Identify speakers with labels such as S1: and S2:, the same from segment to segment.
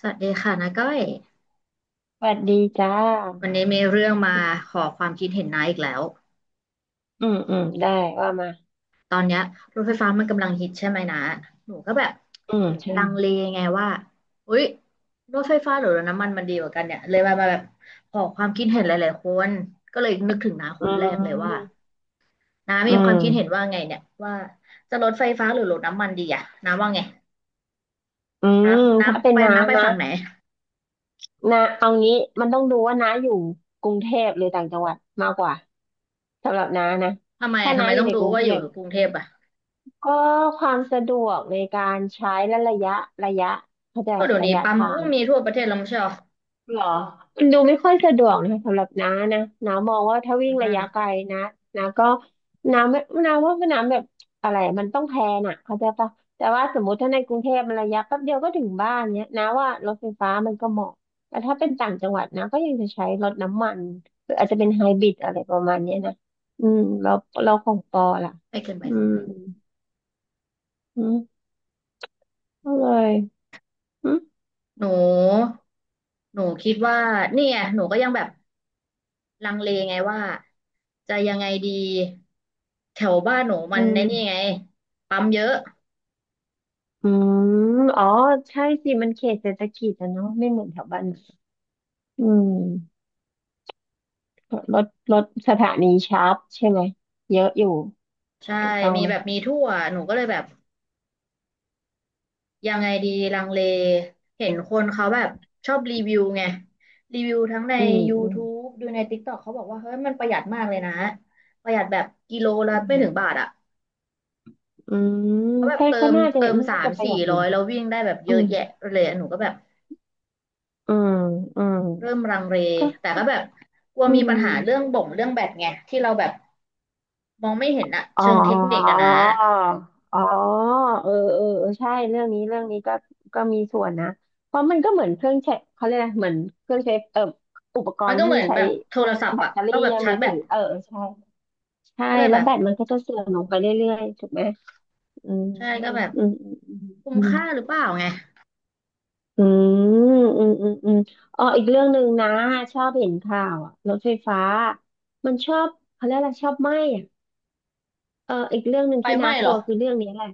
S1: สวัสดีค่ะนาก้อย
S2: สวัสดีจ้า
S1: วันนี้มีเรื่องมาขอความคิดเห็นนาอีกแล้ว
S2: อืมอืมได้ว่ามา
S1: ตอนเนี้ยรถไฟฟ้ามันกำลังฮิตใช่ไหมนะหนูก็แบบ
S2: อืมใช่
S1: ลังเลไงว่าอุ๊ยรถไฟฟ้าหรือรถน้ำมันมันดีกว่ากันเนี่ยเลยมาแบบขอความคิดเห็นหลายๆคนก็เลยนึกถึงน้าค
S2: อื
S1: นแรกเลยว่า
S2: ม
S1: น้า
S2: อื
S1: มีความคิดเห็น
S2: ม
S1: ว่าไงเนี่ยว่าจะรถไฟฟ้าหรือรถน้ำมันดีอะน้าว่าไง
S2: อื
S1: น้า
S2: ม
S1: น้า
S2: ถ้าเป็น
S1: ไป
S2: น้า
S1: น้าไป
S2: นะ
S1: ฝั่งไหน
S2: น้าเอางี้มันต้องดูว่าน้าอยู่กรุงเทพหรือต่างจังหวัดมากกว่า สำหรับน้านะ
S1: ทำไม
S2: ถ้า
S1: ทำ
S2: น้า
S1: ไม
S2: อ
S1: ต้
S2: ยู่
S1: อง
S2: ในก
S1: รู้
S2: รุง
S1: ว่า
S2: เท
S1: อยู่
S2: พ
S1: กรุงเทพอะ
S2: ก็ความสะดวกในการใช้และระยะเข้าใจ
S1: ก็เดี๋ยว
S2: ระ
S1: นี้
S2: ยะ
S1: ปั๊ม
S2: ทา
S1: ก็
S2: ง
S1: มีทั่วประเทศแล้วไม่ใช่หรอ
S2: เหรอ มันดูไม่ค่อยสะดวกนะคะสำหรับน้านะ น้ามองว่าถ้าวิ่งระยะไกลนะน้าก็น้าไม่น้าว่าน้ำแบบอะไรอะมันต้องแพลนอะเข้าใจปะแต่ว่าสมมติถ้าในกรุงเทพมันระยะแป๊บเดียวก็ถึงบ้านเนี้ยน้าว่ารถไฟฟ้ามันก็เหมาะ แต่ถ้าเป็นต่างจังหวัดนะก็ยังจะใช้รถน้ำมันหรืออาจจะเป็นไฮบริดอะไรประมาณเนี้ยนะอืมเราของปอล่ะ
S1: ไม่เกิน
S2: อื
S1: บ่ายสอง
S2: ม
S1: ถึง
S2: อืมก็เลยอืม
S1: หนู หนูคิดว่าเนี่ยหนูก็ยังแบบลังเลไงว่าจะยังไงดีแถวบ้านหนูมั
S2: อื
S1: นใน
S2: ม
S1: นี่ไงปั๊มเยอะ
S2: อืมอ๋อ ใช่สิ มันเขตเศรษฐกิจอะเนาะไม่เหมือนแถวบ้านเราอืมรถรถสถานีชาร์จใช่ไหม เยอะอยู่
S1: ใช่
S2: ถูกต้อง
S1: มี
S2: ไหม
S1: แบบมีทั่ว หนูก็เลยแบบยังไงดีลังเล เห็นคนเขาแบบชอบรีวิวไง รีวิวทั้งใน
S2: อืมอืม
S1: YouTube ดูใน TikTok เขาบอกว่าเฮ้ยมันประหยัดมากเลยนะ ประหยัดแบบกิโลละ
S2: อื
S1: ไม่
S2: ม
S1: ถึงบาทอ่ะ
S2: อืม
S1: เขาแบบ
S2: ก็
S1: เติ
S2: ก็
S1: ม
S2: น่าจะ
S1: เติมสา
S2: น่า
S1: ม
S2: จะประห
S1: สี่
S2: ยัดอ
S1: ร้
S2: ยู่
S1: อยแล้ววิ่งได้แบบเย
S2: อื
S1: อะ
S2: ม
S1: แยะเลยอะหนูก็แบบ
S2: อืมอืม
S1: เริ่มลังเล
S2: ก็
S1: แต่
S2: ก็
S1: ก็แบบกลัว
S2: อื
S1: มีปัญ
S2: ม
S1: หาเรื่องบ่งเรื่องแบตไงที่เราแบบมองไม่เห็นอะ
S2: อ๋อ
S1: เชิงเทคนิคอะนะ
S2: อ๋อเออเออเออใช่เรื่องนี้ก็ก็มีส่วนนะเพราะมันก็เหมือนเครื่องใช้เขาเรียกอะไรเหมือนเครื่องใช้อุปก
S1: มัน
S2: รณ์
S1: ก็เห
S2: ที่
S1: มือน
S2: ใช้
S1: แบบโทรศัพท์
S2: แบต
S1: อะ
S2: เตอ
S1: ต้
S2: รี่
S1: องแบบ
S2: ยัง
S1: ชา
S2: มื
S1: ร์จ
S2: อ
S1: แบ
S2: ถือ
S1: ต
S2: เออเออใช่ใช่
S1: ก็เลย
S2: แล้
S1: แบ
S2: ว
S1: บ
S2: แบตมันก็จะเสื่อมลงไปเรื่อยๆถูกไหมอืม
S1: ใช่
S2: อื
S1: ก็
S2: ม
S1: แบบ
S2: อืม
S1: คุ้ม
S2: อืม
S1: ค่าหรือเปล่าไง
S2: อืมอืมอืมอ๋ออีกเรื่องหนึ่งนะชอบเห็นข่าวอะรถไฟฟ้ามันชอบเขาเรียกอะไรชอบไหม้ เอออีกเรื่องหนึ่ง
S1: ไฟ
S2: ที่
S1: ไห
S2: น่า
S1: ม้
S2: ก
S1: เหร
S2: ลั
S1: อ
S2: วคือเรื่องนี้แหละ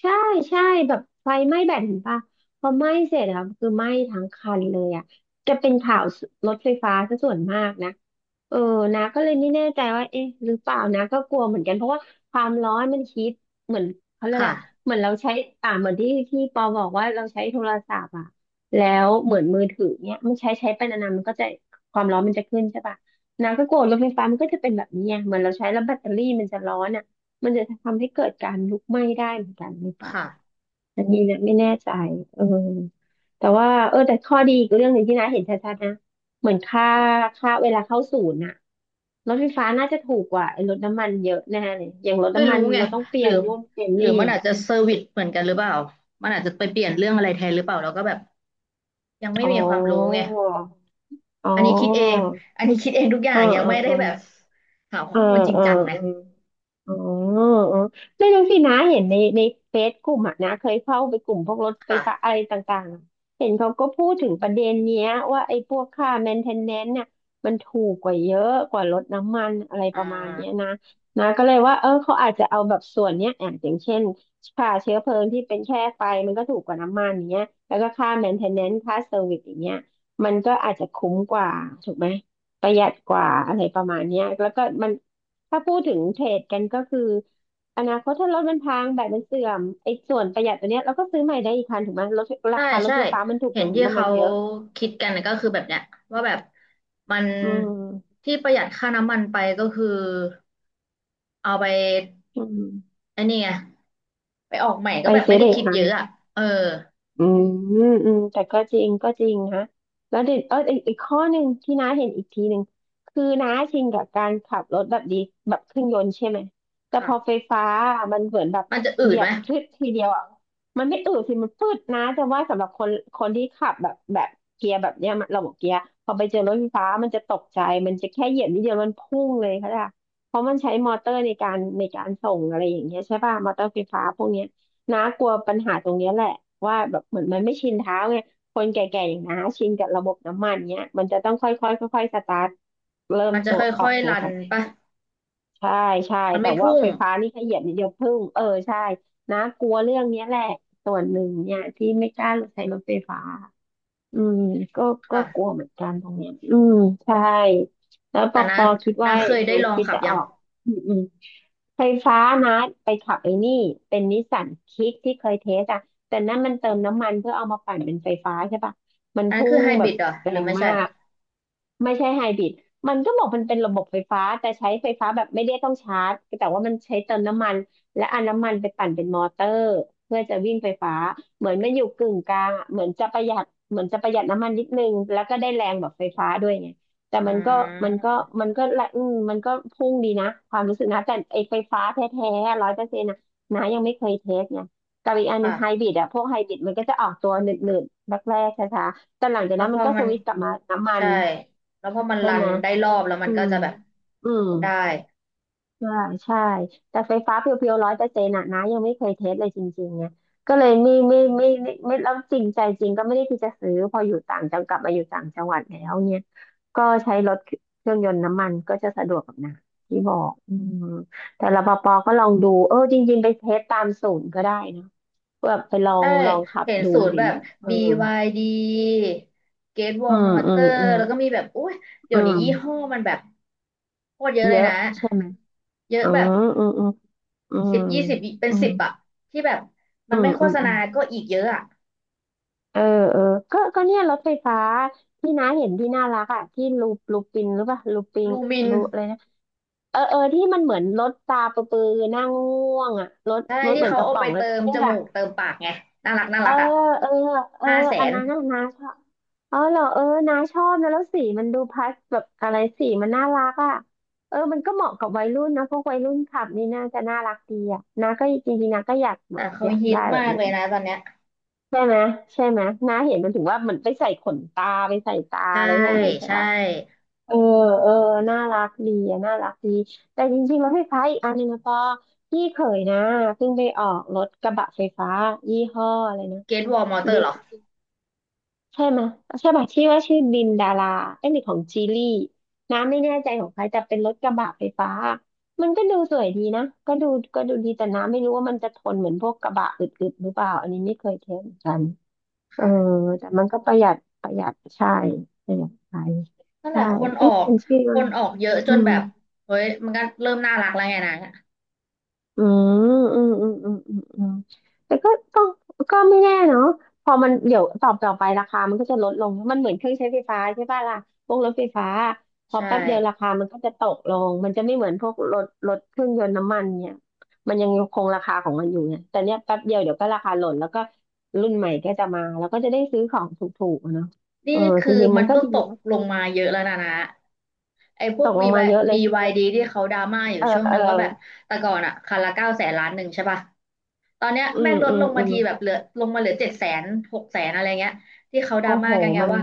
S2: ใช่ใช่แบบไฟไหม้แบตเห็นปะพอไหม้เสร็จอะคือไหม้ทั้งคันเลยอะจะเป็นข่าวรถไฟฟ้าซะส่วนมากนะเออนะก็เลยไม่แน่ใจว่าเอ๊ะหรือเปล่านะก็กลัวเหมือนกันเพราะว่าความร้อนมันฮิตเหมือนเขาเรียกอะ
S1: ค่ะ
S2: ไรเหมือนเราใช้อ่าเหมือนที่ปอบอกว่าเราใช้โทรศัพท์อะแล้วเหมือนมือถือเนี้ยมันใช้ไปนานๆมันก็จะความร้อนมันจะขึ้นใช่ปะนะก็กลัวรถไฟฟ้ามันก็จะเป็นแบบนี้ไงเหมือนเราใช้แล้วแบตเตอรี่มันจะร้อนอะ มันจะทำให้เกิดการลุกไหม้ได้เหมือนกันหรือเปล่า
S1: ค่ะ
S2: อันนี้เนะไม่แน่ใจเออแต่ว่าเออแต่ข้อดีอีกเรื่องหนึ่งที่น้าเห็นชัดๆนะ เหมือนค่าเวลาเข้าศูนย์น่ะรถไฟฟ้าน่าจะถูกกว่าไอ้รถน้ำมันเยอะแน่เลยอย่างรถ
S1: ไม่
S2: น้ำมั
S1: รู้
S2: น
S1: ไง
S2: เราต้องเป
S1: ห
S2: ลี่
S1: รื
S2: ย
S1: อ
S2: นนู่นเปลี่ยน
S1: หรื
S2: นี่
S1: อมันอาจจะเซอร์วิสเหมือนกันหรือเปล่ามันอาจจะไปเปลี่ยนเรื่องอะไรแทนหรือเปล่าเราก็แบบยังไม่
S2: อ๋อ
S1: มีความรู้ไง
S2: อ๋อ
S1: อันนี้คิดเองอันนี้คิดเองทุกอย่า
S2: เออ
S1: งยัง
S2: เออ
S1: ไม่
S2: เอ
S1: ได้
S2: อ
S1: แบบหาข้
S2: เอ
S1: อ
S2: อ
S1: มูลจริง
S2: เออ
S1: จังนะ
S2: เอออ๋อเออไม่รู้สินะเห็นในเฟซกลุ่มอะนะเคยเข้าไปกลุ่มพวกรถไฟฟ้า
S1: ค่ะ
S2: อะไรต่างๆอะเห็นเขาก็พูดถึงประเด็นเนี้ยว่าไอ้พวกค่าแมนเทนแนนซ์เนี่ยมันถูกกว่าเยอะกว่ารถน้ำมันอะไร
S1: อ่
S2: ประมาณเนี้ย
S1: า
S2: นะนะก็เลยว่าเออเขาอาจจะเอาแบบส่วนเนี้ยอย่างเช่นค่าเชื้อเพลิงที่เป็นแค่ไฟมันก็ถูกกว่าน้ำมันอย่างเงี้ยแล้วก็ค่าแมนเทนแนนซ์ค่าเซอร์วิสอย่างเงี้ยมันก็อาจจะคุ้มกว่าถูกไหมประหยัดกว่าอะไรประมาณเนี้ยแล้วก็มัน ถ้าพูดถึงเทรดกันก็คืออนาคตถ้ารถมันพังแบตมันเสื่อมไอ้ส่วนประหยัดตัวเนี้ยเราก็ซื้อใหม่ได้อีกคันถูกไหมรถรา
S1: ใช่
S2: คารถ
S1: ใช่
S2: ไฟฟ้ามันถูกก
S1: เห็น
S2: ว่ารถ
S1: ที่
S2: น้ำมั
S1: เขา
S2: นเยอะ
S1: คิดกันก็คือแบบเนี้ยว่าแบบมัน
S2: อืม
S1: ที่ประหยัดค่าน้ำมันไปก็คือเอาไป
S2: อืม
S1: ไอ้นี่ไงไปออกใหม่ก็
S2: ไป
S1: แบบ
S2: ซื้
S1: ไม่
S2: อ
S1: ได้
S2: ได้อี
S1: คิ
S2: ก
S1: ด
S2: คั
S1: เย
S2: น
S1: อะอ่ะเออ
S2: อืมอืมแต่ก็จริงนะแล้วเด็ดเอออีกข้อหนึ่งที่น้าเห็นอีกทีหนึ่งคือน้าชินกับการขับรถแบบดีแบบเครื่องยนต์ใช่ไหมแต่พอ
S1: ค่ะ
S2: ไฟฟ้ามันเหมือนแบบ
S1: มันจะอื
S2: เห
S1: ด
S2: ยีย
S1: ไหม
S2: บพลึดทีเดียวอ่ะมันไม่อืดสิมันพืดนะแต่ว่าสำหรับคนที่ขับแบบเกียร์แบบเนี้ยมันระบบเกียร์พอไปเจอรถไฟฟ้ามันจะตกใจมันจะแค่เหยียบนิดเดียวมันพุ่งเลยค่ะเพราะมันใช้มอเตอร์ในการส่งอะไรอย่างเงี้ยใช่ป่ะมอเตอร์ไฟฟ้าพวกเนี้ย น้ากลัวปัญหาตรงเนี้ยแหละว่าแบบเหมือนมันไม่ชินเท้าไงคนแก่ๆอย่างน้าชินกับระบบน้ำมันเนี้ยมันจะต้องค่อยๆค่อยๆสตาร์ทเริ่ม
S1: มันจะ
S2: ตั
S1: ค
S2: วอ
S1: ่
S2: อ
S1: อ
S2: ก
S1: ย
S2: ตั
S1: ๆ
S2: ว
S1: รั
S2: ไป
S1: นปะ
S2: ใช่ใช่
S1: มัน
S2: แต่
S1: ไม่
S2: ว่า
S1: พุ่ง
S2: ไฟฟ้านี่ขยีบนิดเดียวพึ่งเออใช่น้ากลัวเรื่องเนี้ยแหละส่วนหนึ่งเนี่ยที่ไม่กล้าใช้รถไฟฟ้า อืมก็ก็กลัว
S1: ค่ะ
S2: เหมือนกันตรงเนี้ยใช่แล้วป
S1: แต่
S2: อป
S1: นะ
S2: อคิด
S1: นะ
S2: ว่า
S1: เคย
S2: ยัง
S1: ได้
S2: ไง
S1: ลอง
S2: คิด
S1: ขับ
S2: จะ
S1: ยั
S2: อ
S1: ง
S2: อกอืมไฟฟ้านะไปขับไอ้นี่เป็นนิสสันคิกที่เคยเทสอะแต่นั่นมันเติมน้ำมันเพื่อเอามาปั่นเป็นไฟฟ้าใช่ปะมัน
S1: อันนั้น
S2: พุ่
S1: คือ
S2: ง
S1: ไฮบ
S2: แบ
S1: ริ
S2: บ
S1: ดเหรอ
S2: แร
S1: หรือ
S2: ง
S1: ไม่
S2: มา
S1: ใช่
S2: กไม่ใช่ไฮบริดมันก็บอกมันเป็นระบบไฟฟ้าแต่ใช้ไฟฟ้าแบบไม่ได้ต้องชาร์จแต่ว่ามันใช้เติมน้ำมัน และเอาน้ำมันไปปั่นเป็นมอเตอร์เพื่อจะวิ่งไฟฟ้าเหมือนมันอยู่กึ่งกลางอะเหมือนจะประหยัดเหมือนจะประหยัดน้ำมันนิดนึงแล้วก็ได้แรงแบบไฟฟ้าด้วยไงแต่
S1: อื
S2: มันก็
S1: ม
S2: มันก็ละมันก็พุ่งดีนะความรู้สึกนะแต่ไอไฟฟ้าแท้ๆร้อยเปอร์เซ็นต์นะนายังไม่เคยเทสไงกับอีกอันหนึ่งไฮ
S1: ค่ะ
S2: บริดอะพวกไฮบริดมันก็จะออกตัวหนืดๆแรกๆช้าๆแต่หลังจาก
S1: แล้ว
S2: นั้น
S1: พ
S2: มั
S1: อ
S2: นก็ส
S1: มัน
S2: วิตช์กลับมาน้ำมัน
S1: ใช่แล้วพอมัน
S2: ใช่
S1: รั
S2: ไห
S1: น
S2: ม
S1: ได้รอบแล้วมั
S2: อื
S1: นก็
S2: ม
S1: จะแบบ
S2: อืม
S1: ได้
S2: ใช่าใช่แต่ไฟฟ้าเพียวๆร้อยเปอร์เซ็นต์ะนะยังไม่เคยเทสเลยจริงๆไงก็เลยไม่แล้วจริงใจจริงก็ไม่ได้ที่จะซื้อพออยู่ต่างจังกลับมาอยู่ต่างจังหวัดแล้วเนี่ยก็ใช้รถเครื่องยนต์น้ำมันก็จะสะดวกกับนะที่บอกมแต่รปภก็ลองดูจริงๆไปเทสตามศูนย์ก็ได้นะเพื่อไป
S1: ใช่
S2: ลองขับ
S1: เห็น
S2: ดู
S1: ศู
S2: อะ
S1: น
S2: ไร
S1: ย์
S2: อ
S1: แบ
S2: ย่าง
S1: บ
S2: เงี้ยเออ
S1: BYD เก t วอ
S2: อื
S1: ลม
S2: ม
S1: อ
S2: อื
S1: เตอ
S2: ม
S1: ร์
S2: อืม
S1: แล้วก็มีแบบอุ้ยเดี๋
S2: อื
S1: ยวนี้
S2: ม
S1: ยี่ห้อมันแบบโคตรเยอะ
S2: เย
S1: เลย
S2: อะ
S1: นะ
S2: ใช่ไหม
S1: เยอะ
S2: อื
S1: แบบ
S2: มอืมอืม
S1: 10-20เป็น
S2: อืม
S1: สิบอะที่แบบมั
S2: อื
S1: น
S2: ม
S1: ไม่โฆ
S2: อืม
S1: ษ
S2: อื
S1: ณา
S2: ม
S1: ก็อีกเยอะอะ
S2: เออเออก็เนี่ยรถไฟฟ้าที่น้าเห็นที่น่ารักอ่ะที่ลูปินหรือเปล่าลูปิง
S1: ลูมิน
S2: ลูอะไรนะเออที่มันเหมือนรถตาประปือนั่งง่วงอ่ะ
S1: ใช่
S2: รถ
S1: ที่
S2: เหมือน
S1: เขา
S2: กระ
S1: เอา
S2: ป๋อ
S1: ไป
S2: งแล้ว
S1: เติ
S2: ก็
S1: ม
S2: นี่
S1: จมู
S2: ค่ะ
S1: กเติมปากไงน่ารักน่า
S2: เออ
S1: รักอะ
S2: เออเออ
S1: ห้าแส
S2: อัน
S1: น
S2: นั้นน่ะน้าชอบอ๋อเหรอเออน้าชอบนะแล้วสีมันดูพัสแบบอะไรสีมันน่ารักอ่ะเออมันก็เหมาะกับวัยรุ่นนะพวกวัยรุ่นขับนี่น่าจะน่ารักดีอ่ะน้าก็จริงๆน้าก็
S1: แต่เขา
S2: อยาก
S1: ฮิต
S2: ได้แบ
S1: มา
S2: บ
S1: ก
S2: นี้
S1: เลยนะตอนเนี้ย
S2: ใช่ไหมใช่ไหมน้าเห็นมันถึงว่ามันไปใส่ขนตาไปใส่ตา
S1: ใช่
S2: อะไรพวกนี้ใช่
S1: ใช่
S2: ป่ะเออเออน่ารักดีอะน่ารักดีแต่จริงๆแล้วไฟฟ้าอีกอันหนึงนะปอพี่เขยนะเพิ่งไปออกรถกระบะไฟฟ้ายี่ห้ออะไรนะ
S1: เก t วอลมอเตอ
S2: ลิ
S1: ร์ห
S2: น
S1: รอ
S2: ใช่ไหมยใช่ป่ะที่ว่าชื่อลินดาราเอ้ยหรือของจีลี่น้าไม่แน่ใจของใครแต่เป็นรถกระบะไฟฟ้ามันก็ดูสวยดีนะก็ดูดีแต่น้าไม่รู้ว่ามันจะทนเหมือนพวกกระบะอึดๆหรือเปล่าอันนี้ไม่เคยเทสเหมือนกัน เออ
S1: ค่ะ
S2: แต่มันก็ประหยัดประหยัดใช่ ประหยัดไป
S1: นั่นแห
S2: ใช่
S1: ละคนออ
S2: เอ๊ะ
S1: ก
S2: มันชื่อ
S1: ค
S2: ว่า
S1: นออกเยอะจ
S2: อื
S1: น
S2: ม
S1: แบบเฮ้ยมันก็เริ่มน่ารักแล้วไงนะ
S2: อือืมแต่ก็ต้องก็ไม่แน่เนาะพอมันเดี๋ยวต่อไปราคามันก็จะลดลงมันเหมือนเครื่องใช้ไฟฟ้าใช่ป่ะล่ะพวกรถไฟฟ้าพอ
S1: ใช่
S2: แป๊บเดียวราคามันก็จะตกลงมันจะไม่เหมือนพวกรถเครื่องยนต์น้ำมันเนี่ยมันยังคงราคาของมันอยู่ไงแต่เนี้ยแป๊บเดียวเดี๋ยวก็ราคาหล่นแล้วก็รุ่นใหม่ก็จะมาแล้วก็จะได้ซื้อของถูกๆอะเนาะ
S1: นี่
S2: เออจ
S1: คือ
S2: ริงๆมั
S1: มั
S2: น
S1: น
S2: ก็
S1: ก็
S2: ดี
S1: ตก
S2: นะ
S1: ลงมาเยอะแล้วนะนะไอ้พว
S2: ต
S1: ก
S2: กล
S1: วี
S2: งมา
S1: วา
S2: เยอะเลยใช่ไหม
S1: BYD ที่เขาดราม่าอยู่
S2: เออ
S1: ช่วง
S2: เอ
S1: นึ
S2: อ
S1: งว่าแบบแต่ก่อนอะคันละ900,000-1,000,000ใช่ป่ะตอนเนี้ย
S2: อื
S1: แม่
S2: ม
S1: งล
S2: อื
S1: ด
S2: ม
S1: ลง
S2: อื
S1: มา
S2: ม
S1: ทีแบบเหลือลงมาเหลือ700,000600,000อะไรเงี้ยที่เขาดรา
S2: โอ้โห
S1: ม่ากันไง
S2: มัน
S1: ว่า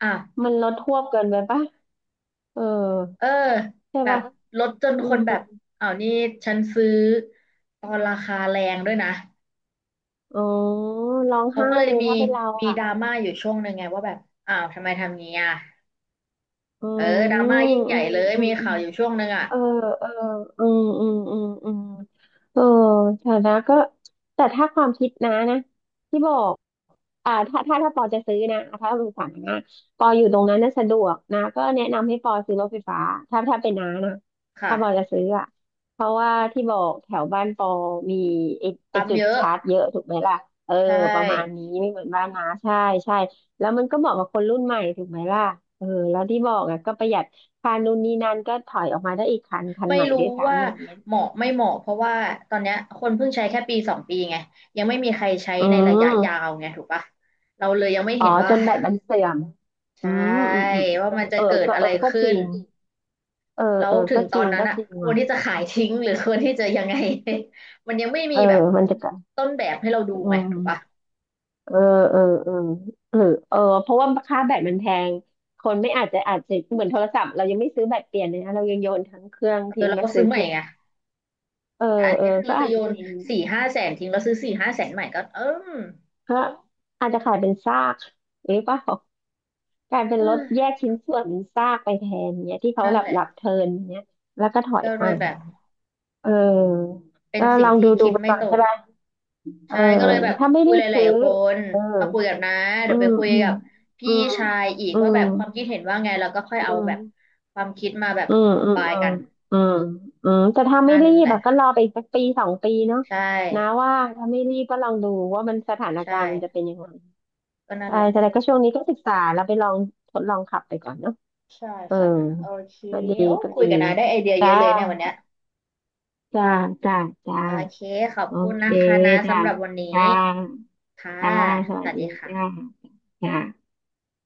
S1: อ่ะ
S2: มันลดทวบเกินไปปะ เออ
S1: เออ
S2: ใช่
S1: แบบ
S2: ป่ะ
S1: ลดจน
S2: อื
S1: คน
S2: ม
S1: แบบอ้าวนี่ฉันซื้อตอนราคาแรงด้วยนะ
S2: อ๋อร้อง
S1: เขา
S2: ไห้
S1: ก็เลย
S2: เลย
S1: มี
S2: ถ้าเป็นเรา
S1: มี
S2: อ่ะ
S1: ดราม่าอยู่ช่วงหนึ่งไงว่าแบบอ้าวทำไมทำงี้อ่ะ
S2: อื
S1: เออ
S2: ม
S1: ดราม่ายิ่งให
S2: อื
S1: ญ่
S2: ม
S1: เลย
S2: อื
S1: มี
S2: มอื
S1: ข่า
S2: ม
S1: วอยู่ช่วงหนึ่งอ่ะ
S2: เออเอออืมเออฐานะก็แต่ถ้าความคิดนะที่บอกอ่าถ้าปอจะซื้อนะถ้าเป็นฐานะปออยู่ตรงนั้นน่ะสะดวกนะก็แนะนำให้ปอซื้อรถไฟฟ้าถ้าเป็นน้านะถ้าปอจะ
S1: ค่ะ
S2: ซื้ออ่ะเพราะว่าที่บอกแถวบ้านปอมีไอไอ
S1: ปั๊ม
S2: จุด
S1: เยอะ
S2: ชาร์จเยอะถูกไหมล่ะเออ
S1: ใช่
S2: ประมาณนี้ไม่เหมือนบ้านน้าใช่ แล้วมันก็เหมาะกับคนรุ่นใหม่ถูกไหมล่ะเออแล้วที่บอกอะก็ประหยัดค่านู่นนี่นั่นก็ถอยออกมาได้อีกคันคัน
S1: ไม่
S2: ใหม่
S1: รู้
S2: ด้วยซ้ำ
S1: ว่า
S2: อะไรเงี้ย
S1: เหมาะไม่เหมาะเพราะว่าตอนเนี้ยคนเพิ่งใช้แค่1-2 ปีไงยังไม่มีใครใช้
S2: อื
S1: ในระยะยา
S2: ม
S1: วไงถูกปะเราเลยยังไม่
S2: อ๋อ
S1: เห็นว่า
S2: จนแบตมันเสื่อม อื
S1: ใช่
S2: อืม
S1: ว่ามันจะ
S2: เออ
S1: เกิดอะไร
S2: ก็
S1: ขึ้
S2: จริ
S1: น
S2: งเออ
S1: แล้
S2: เอ
S1: ว
S2: อ
S1: ถึ
S2: ก็
S1: งต
S2: จ
S1: อ
S2: ริ
S1: น
S2: ง
S1: นั้น
S2: ก็
S1: อ่ะ
S2: จริง
S1: ควรที่
S2: ว่ะ
S1: จะขายทิ้งหรือควรที่จะยังไง มันยังไม่
S2: เอ
S1: มี
S2: อ
S1: แบบ
S2: มันจะกัน
S1: ต้นแบบให้เราดู
S2: อื
S1: ไง
S2: ม
S1: ถูกปะ
S2: เออเออเออเออเออเพราะว่าค่าแบตมันแพงคนไม่อาจจะอาจจะเหมือนโทรศัพท์เรายังไม่ซื้อแบตเปลี่ยนเลยนะเรายังโยนทั้งเครื่อง
S1: เอ
S2: ทิ้
S1: อ
S2: ง
S1: เรา
S2: มา
S1: ก็
S2: ซื้
S1: ซื้
S2: อ
S1: อให
S2: เค
S1: ม่
S2: รื่อง
S1: ไง
S2: เออ
S1: แต่อัน
S2: เออ
S1: นี้คือ
S2: ก็
S1: เราจะ
S2: อาจ
S1: โย
S2: จะ
S1: น
S2: จริง
S1: สี่ห้าแสนทิ้งเราซื้อสี่ห้าแสนใหม่ก็เอม
S2: ก็อาจจะขายเป็นซากหรือเปล่ากลายเป็น
S1: เอ
S2: รถแย
S1: อ
S2: กชิ้นส่วนเป็นซากไปแทนเนี่ยที่เขา
S1: นั่นแหละ
S2: หลับเทิร์นเนี่ยแล้วก็ถอย
S1: ก็
S2: ไป
S1: เลยแบบ
S2: เออ
S1: เป็น
S2: ก็
S1: สิ่
S2: ล
S1: ง
S2: อง
S1: ที่
S2: ดู
S1: คิด
S2: ไป
S1: ไม่
S2: ก่อน
S1: ต
S2: ใช่
S1: ก
S2: ป่ะเออ
S1: ใช่ก็เลยแบบ
S2: ถ้าไม่
S1: คุย
S2: รี
S1: ห
S2: บ
S1: ลา
S2: ซื้
S1: ย
S2: อ
S1: ๆคน
S2: เออ
S1: มาคุยกับน้า
S2: อื
S1: เดี๋ยวไป
S2: ม
S1: คุย
S2: อืม
S1: กับ
S2: อื
S1: พี่
S2: ม
S1: ชายอีก
S2: อื
S1: ว่าแบ
S2: ม
S1: บความคิดเห็นว่าไงแล้วก็ค่อยเอา
S2: อื
S1: แบบ
S2: ม
S1: ความคิดมาแบบ
S2: อืม
S1: คอม
S2: อืม
S1: ไบ
S2: อืม
S1: กัน
S2: อืมอืมแต่ถ้าไม่
S1: นั่น
S2: รี
S1: แห
S2: บ
S1: ละ
S2: อะก็รอไปอีกสักปีสองปีเนาะ
S1: ใช่
S2: นะว่าถ้าไม่รีบก็ลองดูว่ามันสถาน
S1: ใช
S2: การณ์มันจะ
S1: ่
S2: เป็นยังไง
S1: ก็นั่น
S2: ใช่
S1: แหละ
S2: แต่ก็ช่วงนี้ก็ศึกษาแล้วไปลองทดลองขับไปก่อนเนาะ
S1: ใช่
S2: เออ
S1: ค่ะนะโอเค
S2: ก็ดี
S1: โอ้
S2: ก็
S1: คุ
S2: ดี
S1: ยกับน้าได้ไอเดียเย
S2: จ้า
S1: อะเลยเนี่ยวันเนี้ย
S2: จ้า จ้า จ้า
S1: โอเคขอบ
S2: โอ
S1: คุณ
S2: เค
S1: นะคะนะ
S2: จ้า
S1: สำหรับวันนี้
S2: จ้า
S1: ค่ะ
S2: จ้า ส
S1: ส
S2: วัส
S1: วัสดี
S2: ดีจ้า
S1: ค่ะ
S2: จ้า